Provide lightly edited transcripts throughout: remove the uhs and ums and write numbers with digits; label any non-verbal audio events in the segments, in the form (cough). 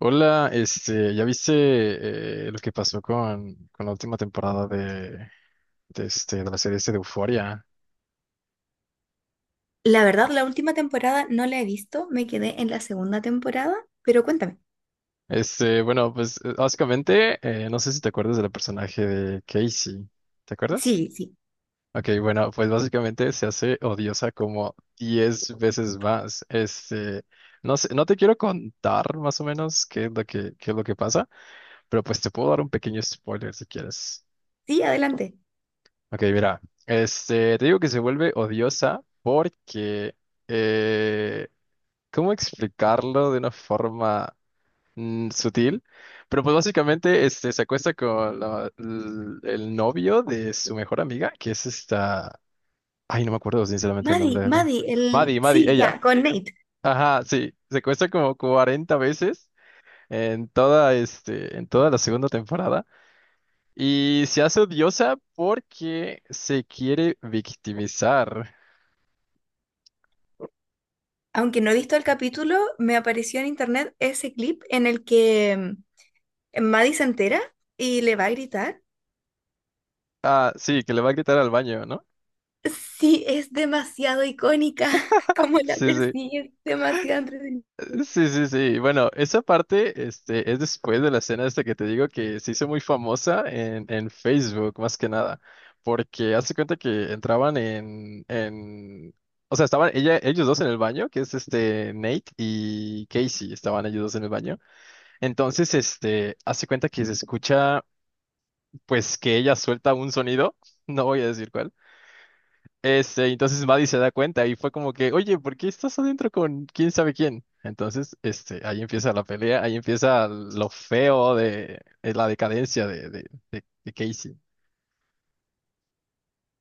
Hola, ¿ya viste lo que pasó con la última temporada de la serie de Euphoria? La verdad, la última temporada no la he visto, me quedé en la segunda temporada, pero cuéntame. Bueno, pues básicamente, no sé si te acuerdas del personaje de Casey, ¿te acuerdas? Sí, sí, Ok, bueno, pues básicamente se hace odiosa como 10 veces más. No sé, no te quiero contar más o menos qué es lo que pasa, pero pues te puedo dar un pequeño spoiler si quieres. sí, adelante. Ok, mira, te digo que se vuelve odiosa porque, eh, ¿cómo explicarlo de una forma sutil? Pero pues básicamente, se acuesta con el novio de su mejor amiga, que es esta, ay, no me acuerdo sinceramente el nombre Maddie, de la, Maddie, el... Maddie, Maddie, Sí, ella, ya, con Nate. ajá, sí, se acuesta como 40 veces en toda la segunda temporada. Y se hace odiosa porque se quiere victimizar. Aunque no he visto el capítulo, me apareció en internet ese clip en el que Maddie se entera y le va a gritar. Ah, sí, que le va a gritar al baño, ¿no? Sí, es demasiado icónica, (laughs) como la Sí, sí. persigue, es demasiado entretenida. Sí, sí, sí. Bueno, esa parte, es después de la escena esta que te digo que se hizo muy famosa en Facebook, más que nada. Porque hace cuenta que entraban o sea, estaban ella, ellos dos en el baño, que es este Nate y Casey, estaban ellos dos en el baño. Entonces, hace cuenta que se escucha, pues, que ella suelta un sonido, (laughs) no voy a decir cuál. Entonces Maddie se da cuenta y fue como que, oye, ¿por qué estás adentro con quién sabe quién? Entonces, ahí empieza la pelea, ahí empieza lo feo de la decadencia de Casey.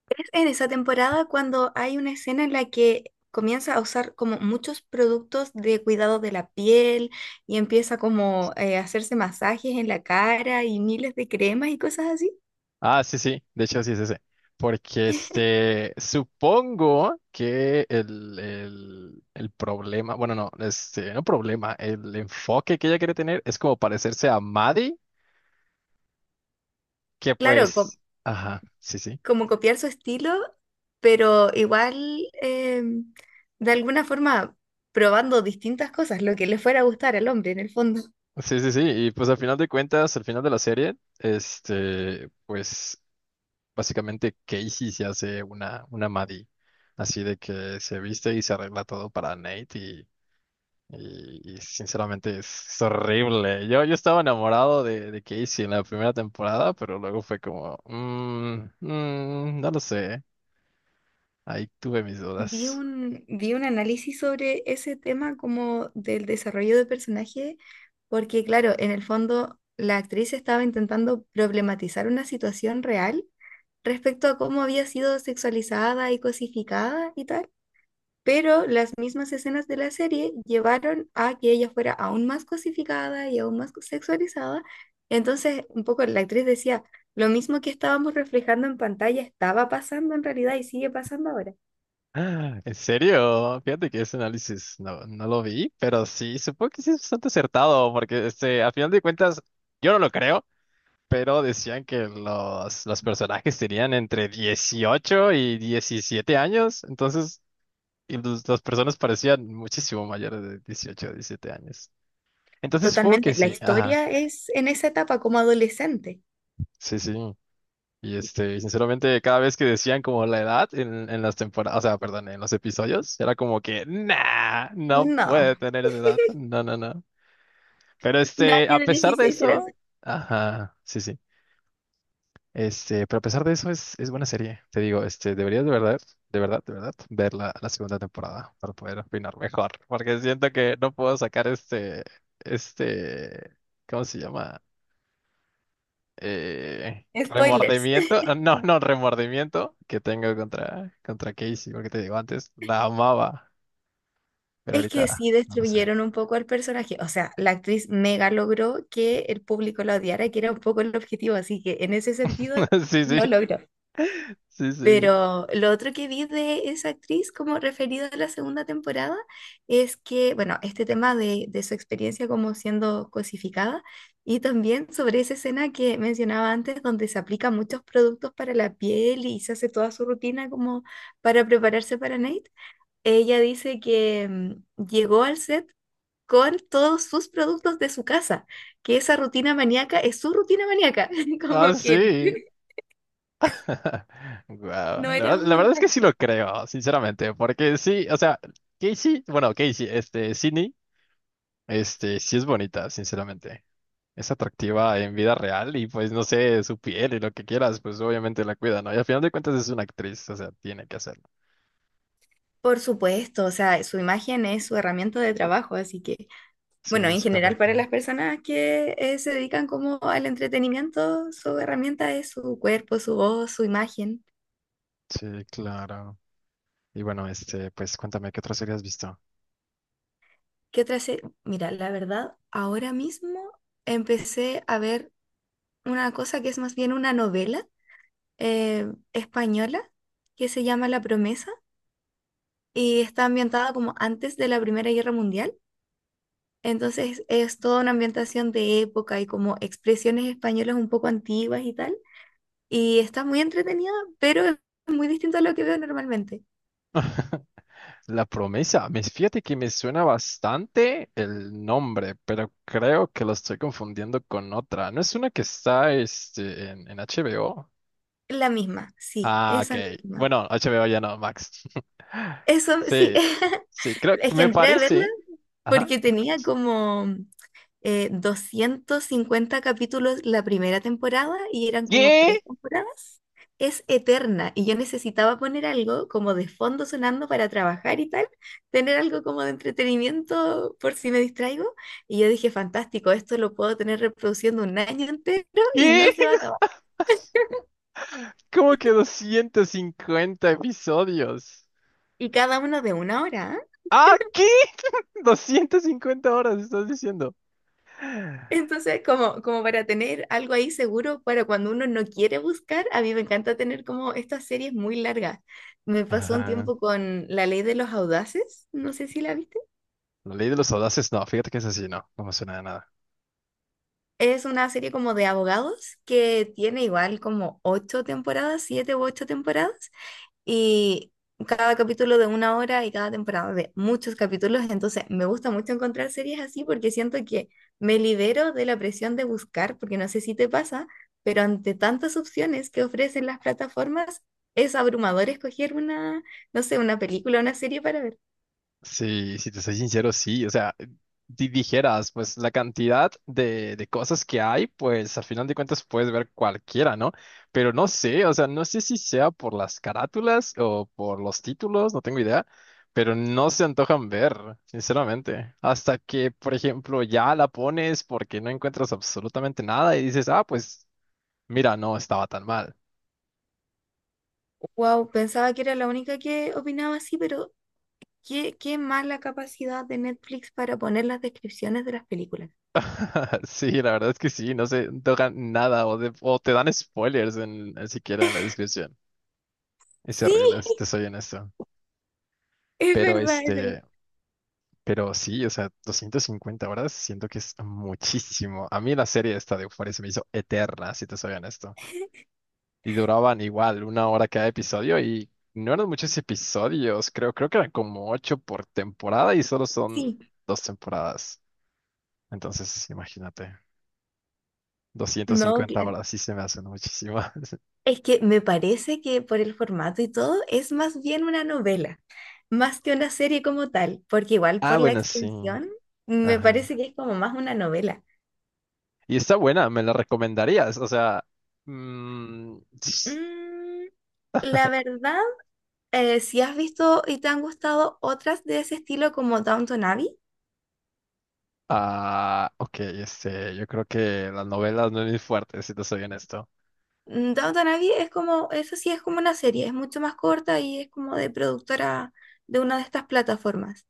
Es en esa temporada cuando hay una escena en la que comienza a usar como muchos productos de cuidado de la piel y empieza como a hacerse masajes en la cara y miles de cremas y cosas así. Ah, sí, sí, de hecho sí es ese. Porque supongo que el problema, bueno, no, no problema, el enfoque que ella quiere tener es como parecerse a Maddie, que Claro, pues, ajá, sí, sí. como copiar su estilo, pero igual eh, de alguna forma probando distintas cosas, lo que le fuera a gustar al hombre en el fondo. Sí, sí, sí. Y pues al final de cuentas, al final de la serie, pues básicamente Casey se hace una Maddie. Así de que se viste y se arregla todo para Nate y, y sinceramente es horrible. Yo estaba enamorado de Casey en la primera temporada, pero luego fue como, " no lo sé. Ahí tuve mis Vi dudas. un, vi un análisis sobre ese tema como del desarrollo de personaje, porque claro, en el fondo la actriz estaba intentando problematizar una situación real respecto a cómo había sido sexualizada y cosificada y tal, pero las mismas escenas de la serie llevaron a que ella fuera aún más cosificada y aún más sexualizada. Entonces, un poco la actriz decía, lo mismo que estábamos reflejando en pantalla estaba pasando en realidad y sigue pasando ahora. Ah, ¿en serio? Fíjate que ese análisis no lo vi, pero sí, supongo que sí es bastante acertado, porque a final de cuentas, yo no lo creo, pero decían que los personajes tenían entre 18 y 17 años. Entonces y las personas parecían muchísimo mayores de 18 o 17 años. Entonces supongo que Totalmente. La sí, ajá, historia es en esa etapa como adolescente. sí, sí. Y y sinceramente, cada vez que decían como la edad en las temporadas, o sea, perdón, en los episodios, era como que, nah, no No, puede tener esa edad. No, no, no. Pero nadie a de pesar de 16 era así. eso, ajá, sí, sí. Pero a pesar de eso es buena serie. Te digo, deberías de verdad, de verdad, de verdad, ver la segunda temporada para poder opinar mejor. Porque siento que no puedo sacar este, ¿cómo se llama? Spoilers. Remordimiento, (laughs) ah, no, no, remordimiento que tengo contra Casey, porque te digo antes, la amaba, pero Es que ahorita sí no lo sé. destruyeron un poco al personaje. O sea, la actriz mega logró que el público la odiara, que era un poco el objetivo. Así que en ese sentido (laughs) Sí, sí, lo logró. sí, sí. Pero lo otro que vi de esa actriz como referido a la segunda temporada es que, bueno, este tema de su experiencia como siendo cosificada y también sobre esa escena que mencionaba antes donde se aplica muchos productos para la piel y se hace toda su rutina como para prepararse para Nate. Ella dice que llegó al set con todos sus productos de su casa, que esa rutina maníaca es su rutina maníaca, (laughs) Ah, como que sí. (laughs) Guau, no la era verdad, un la verdad es que montaje. sí lo creo, sinceramente, porque sí, o sea, Casey, bueno, Casey, Sydney, sí es bonita, sinceramente. Es atractiva en vida real y pues no sé, su piel y lo que quieras, pues obviamente la cuida, ¿no? Y al final de cuentas es una actriz, o sea, tiene que hacerlo. Por supuesto, o sea, su imagen es su herramienta de trabajo, así que, Sí, bueno, en es general para correcto. las personas que se dedican como al entretenimiento, su herramienta es su cuerpo, su voz, su imagen. Sí, claro. Y bueno, pues cuéntame qué otra serie has visto. ¿Qué otra Mira, la verdad, ahora mismo empecé a ver una cosa que es más bien una novela eh, española que se llama La Promesa y está ambientada como antes de la Primera Guerra Mundial. Entonces es toda una ambientación de época y como expresiones españolas un poco antiguas y tal. Y está muy entretenida, pero es muy distinto a lo que veo normalmente. (laughs) La Promesa. Me fíjate que me suena bastante el nombre, pero creo que lo estoy confundiendo con otra. ¿No es una que está en HBO? La misma, sí, Ah, ok. esa misma. Bueno, HBO ya no, Max. (laughs) Eso, sí, Sí, (laughs) sí, creo que es que me entré a verla parece. Ajá. porque tenía como 250 capítulos la primera temporada y eran como ¿Qué? tres temporadas. Es eterna y yo necesitaba poner algo como de fondo sonando para trabajar y tal, tener algo como de entretenimiento por si me distraigo. Y yo dije, fantástico, esto lo puedo tener reproduciendo un año entero y ¿Qué? no se va a acabar. (laughs) ¿Cómo que 250 episodios? Y cada uno de una hora. ¡Ah, qué! (laughs) 250 horas, estás diciendo. Entonces, como para tener algo ahí seguro para cuando uno no quiere buscar, a mí me encanta tener como estas series muy largas. Me pasó un Ajá. tiempo con La Ley de los Audaces, no sé si la viste. La Ley de los Audaces, no, fíjate que es así, no, no me suena de nada. Es una serie como de abogados que tiene igual como ocho temporadas, siete u ocho temporadas, y cada capítulo de una hora y cada temporada de muchos capítulos, entonces me gusta mucho encontrar series así porque siento que me libero de la presión de buscar, porque no sé si te pasa, pero ante tantas opciones que ofrecen las plataformas, es abrumador escoger una, no sé, una película, una serie para ver. Sí, si te soy sincero, sí. O sea, dijeras, pues la cantidad de cosas que hay, pues al final de cuentas puedes ver cualquiera, ¿no? Pero no sé, o sea, no sé si sea por las carátulas o por los títulos, no tengo idea, pero no se antojan ver, sinceramente. Hasta que, por ejemplo, ya la pones porque no encuentras absolutamente nada y dices, ah, pues mira, no estaba tan mal. Wow, pensaba que era la única que opinaba así, pero qué mala capacidad de Netflix para poner las descripciones de las películas. (laughs) Sí, la verdad es que sí, no se tocan nada o, o te dan spoilers en siquiera en la descripción. Es Sí, horrible, si te soy honesto. es Pero verdad, es verdad. Pero sí, o sea, 250 horas siento que es muchísimo. A mí la serie esta de Euphoria se me hizo eterna, si te soy honesto. Y duraban igual una hora cada episodio y no eran muchos episodios, creo, que eran como ocho por temporada y solo son Sí, dos temporadas. Entonces, imagínate, no, 250 claro. horas sí se me hacen muchísimo. Es que me parece que por el formato y todo es más bien una novela, más que una serie como tal, porque igual Ah, por la bueno, sí. extensión me Ajá. parece que es como más una novela. Y está buena, me la recomendarías. O sea, mm, s- Mm, la verdad, si has visto y te han gustado otras de ese estilo como Downton Abbey, ok, yo creo que las novelas no es mi fuerte, si te soy honesto. Downton Abbey es como, eso sí es como una serie, es mucho más corta y es como de productora de una de estas plataformas.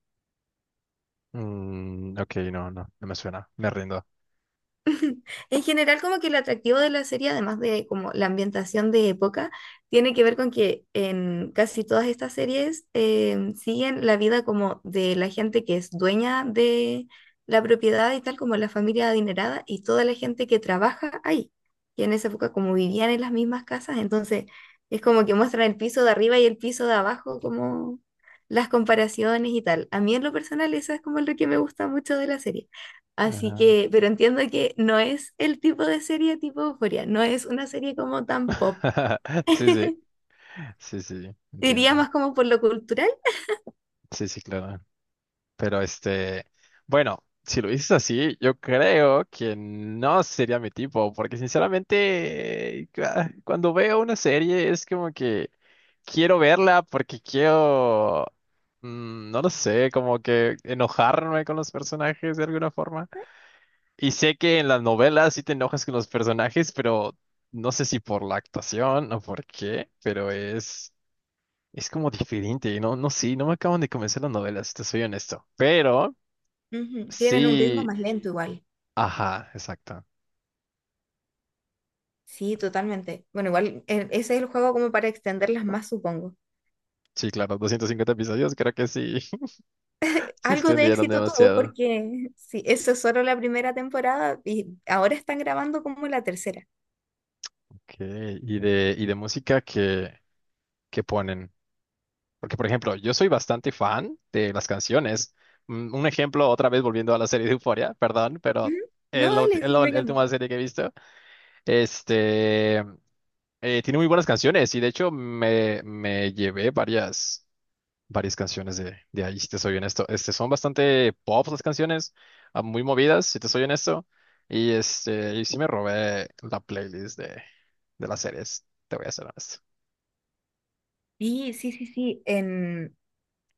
Ok, no, no, no me suena, me rindo. (laughs) En general, como que el atractivo de la serie, además de como la ambientación de época, tiene que ver con que en casi todas estas series siguen la vida como de la gente que es dueña de la propiedad y tal, como la familia adinerada y toda la gente que trabaja ahí. Y en esa época como vivían en las mismas casas, entonces es como que muestran el piso de arriba y el piso de abajo, como las comparaciones y tal. A mí en lo personal, eso es como lo que me gusta mucho de la serie. Así Ajá. que, pero entiendo que no es el tipo de serie tipo Euphoria, no es una serie como tan pop. (laughs) Sí, sí, sí, sí, Diría entiendo. más como por lo cultural. Sí, sí, claro. Pero bueno, si lo dices así, yo creo que no sería mi tipo, porque sinceramente, cuando veo una serie es como que quiero verla porque quiero, no lo sé, como que enojarme con los personajes de alguna forma. Y sé que en las novelas sí te enojas con los personajes, pero no sé si por la actuación o por qué, pero es... Es como diferente, no, no, sí, no me acaban de convencer las novelas, si te soy honesto. Pero Ujú, tienen un ritmo sí, más lento igual. ajá, exacto. Sí, totalmente. Bueno, igual ese es el juego como para extenderlas más, supongo. Sí, claro, 250 episodios, creo que sí, (laughs) se Algo de extendieron éxito tuvo demasiado. porque sí, eso es solo la primera temporada y ahora están grabando como la tercera. Ok, y de música que ponen. Porque, por ejemplo, yo soy bastante fan de las canciones. Un ejemplo, otra vez volviendo a la serie de Euphoria, perdón, pero Ujú. No, dale, es sí, la, me la encanta. última serie que he visto. Este, Tiene muy buenas canciones y de hecho me llevé varias. Varias canciones de ahí, si te soy honesto. Son bastante pop las canciones, muy movidas, si te soy honesto. Y y sí me robé la playlist de las series, te voy a ser honesto. Sí, sí, sí, sí. En,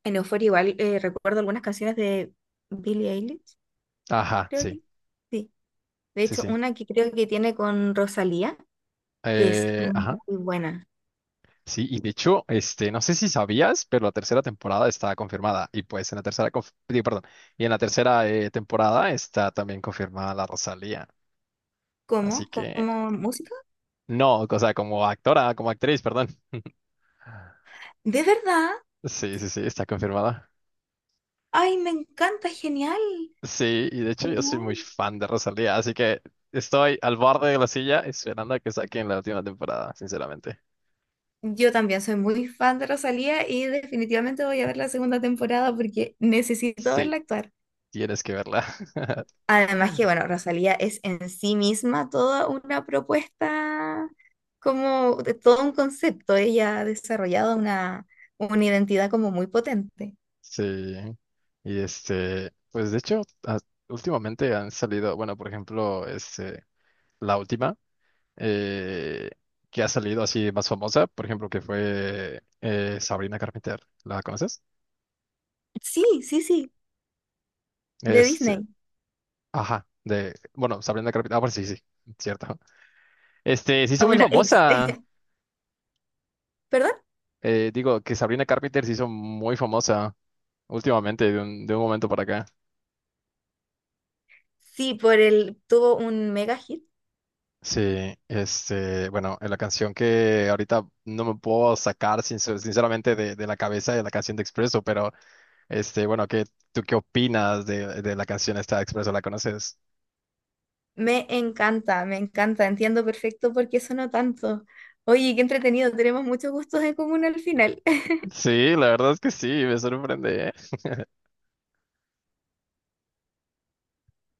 en Euphoria igual recuerdo algunas canciones de Billie Eilish, Ajá, creo sí, que. Sí. De sí, hecho, sí. una que creo que tiene con Rosalía, que es Ajá. muy buena. Sí, y de hecho, no sé si sabías, pero la tercera temporada está confirmada. Y pues en la tercera, digo, perdón, y en la tercera temporada está también confirmada la Rosalía. ¿Cómo? Así que, ¿Como música? no, o sea, como actora, como actriz, perdón. ¿De verdad? Sí, sí, sí, está confirmada. ¡Ay, me encanta! ¡Genial! Sí, y de hecho yo soy muy ¡Genial! fan de Rosalía, así que estoy al borde de la silla esperando a que saquen la última temporada, sinceramente. Yo también soy muy fan de Rosalía y definitivamente voy a ver la segunda temporada porque necesito Sí, verla actuar. tienes que verla. (laughs) Además que, bueno, Rosalía es en sí misma toda una propuesta, como de todo un concepto. Ella ha desarrollado una identidad como muy potente. Sí. Y pues de hecho, a- últimamente han salido, bueno, por ejemplo, la última eh, que ha salido así más famosa, por ejemplo, que fue Sabrina Carpenter. ¿La conoces? Sí, sí, sí, de Este, Disney. ajá, bueno, Sabrina Carpenter. Ah, pues sí, sí, cierto. Se Ah, hizo muy bueno, famosa. (laughs) ¿Perdón? Digo que Sabrina Carpenter se hizo muy famosa últimamente, de un momento para acá. Sí, por el, tuvo un mega hit. Sí, bueno, en la canción que ahorita no me puedo sacar sinceramente de la cabeza de la canción de Expreso, pero bueno, ¿ tú qué opinas de la canción esta de Expreso? ¿La conoces? Me encanta, entiendo perfecto por qué sonó tanto. Oye, qué entretenido, tenemos muchos gustos en común al final. Sí, la verdad es que sí, me sorprende.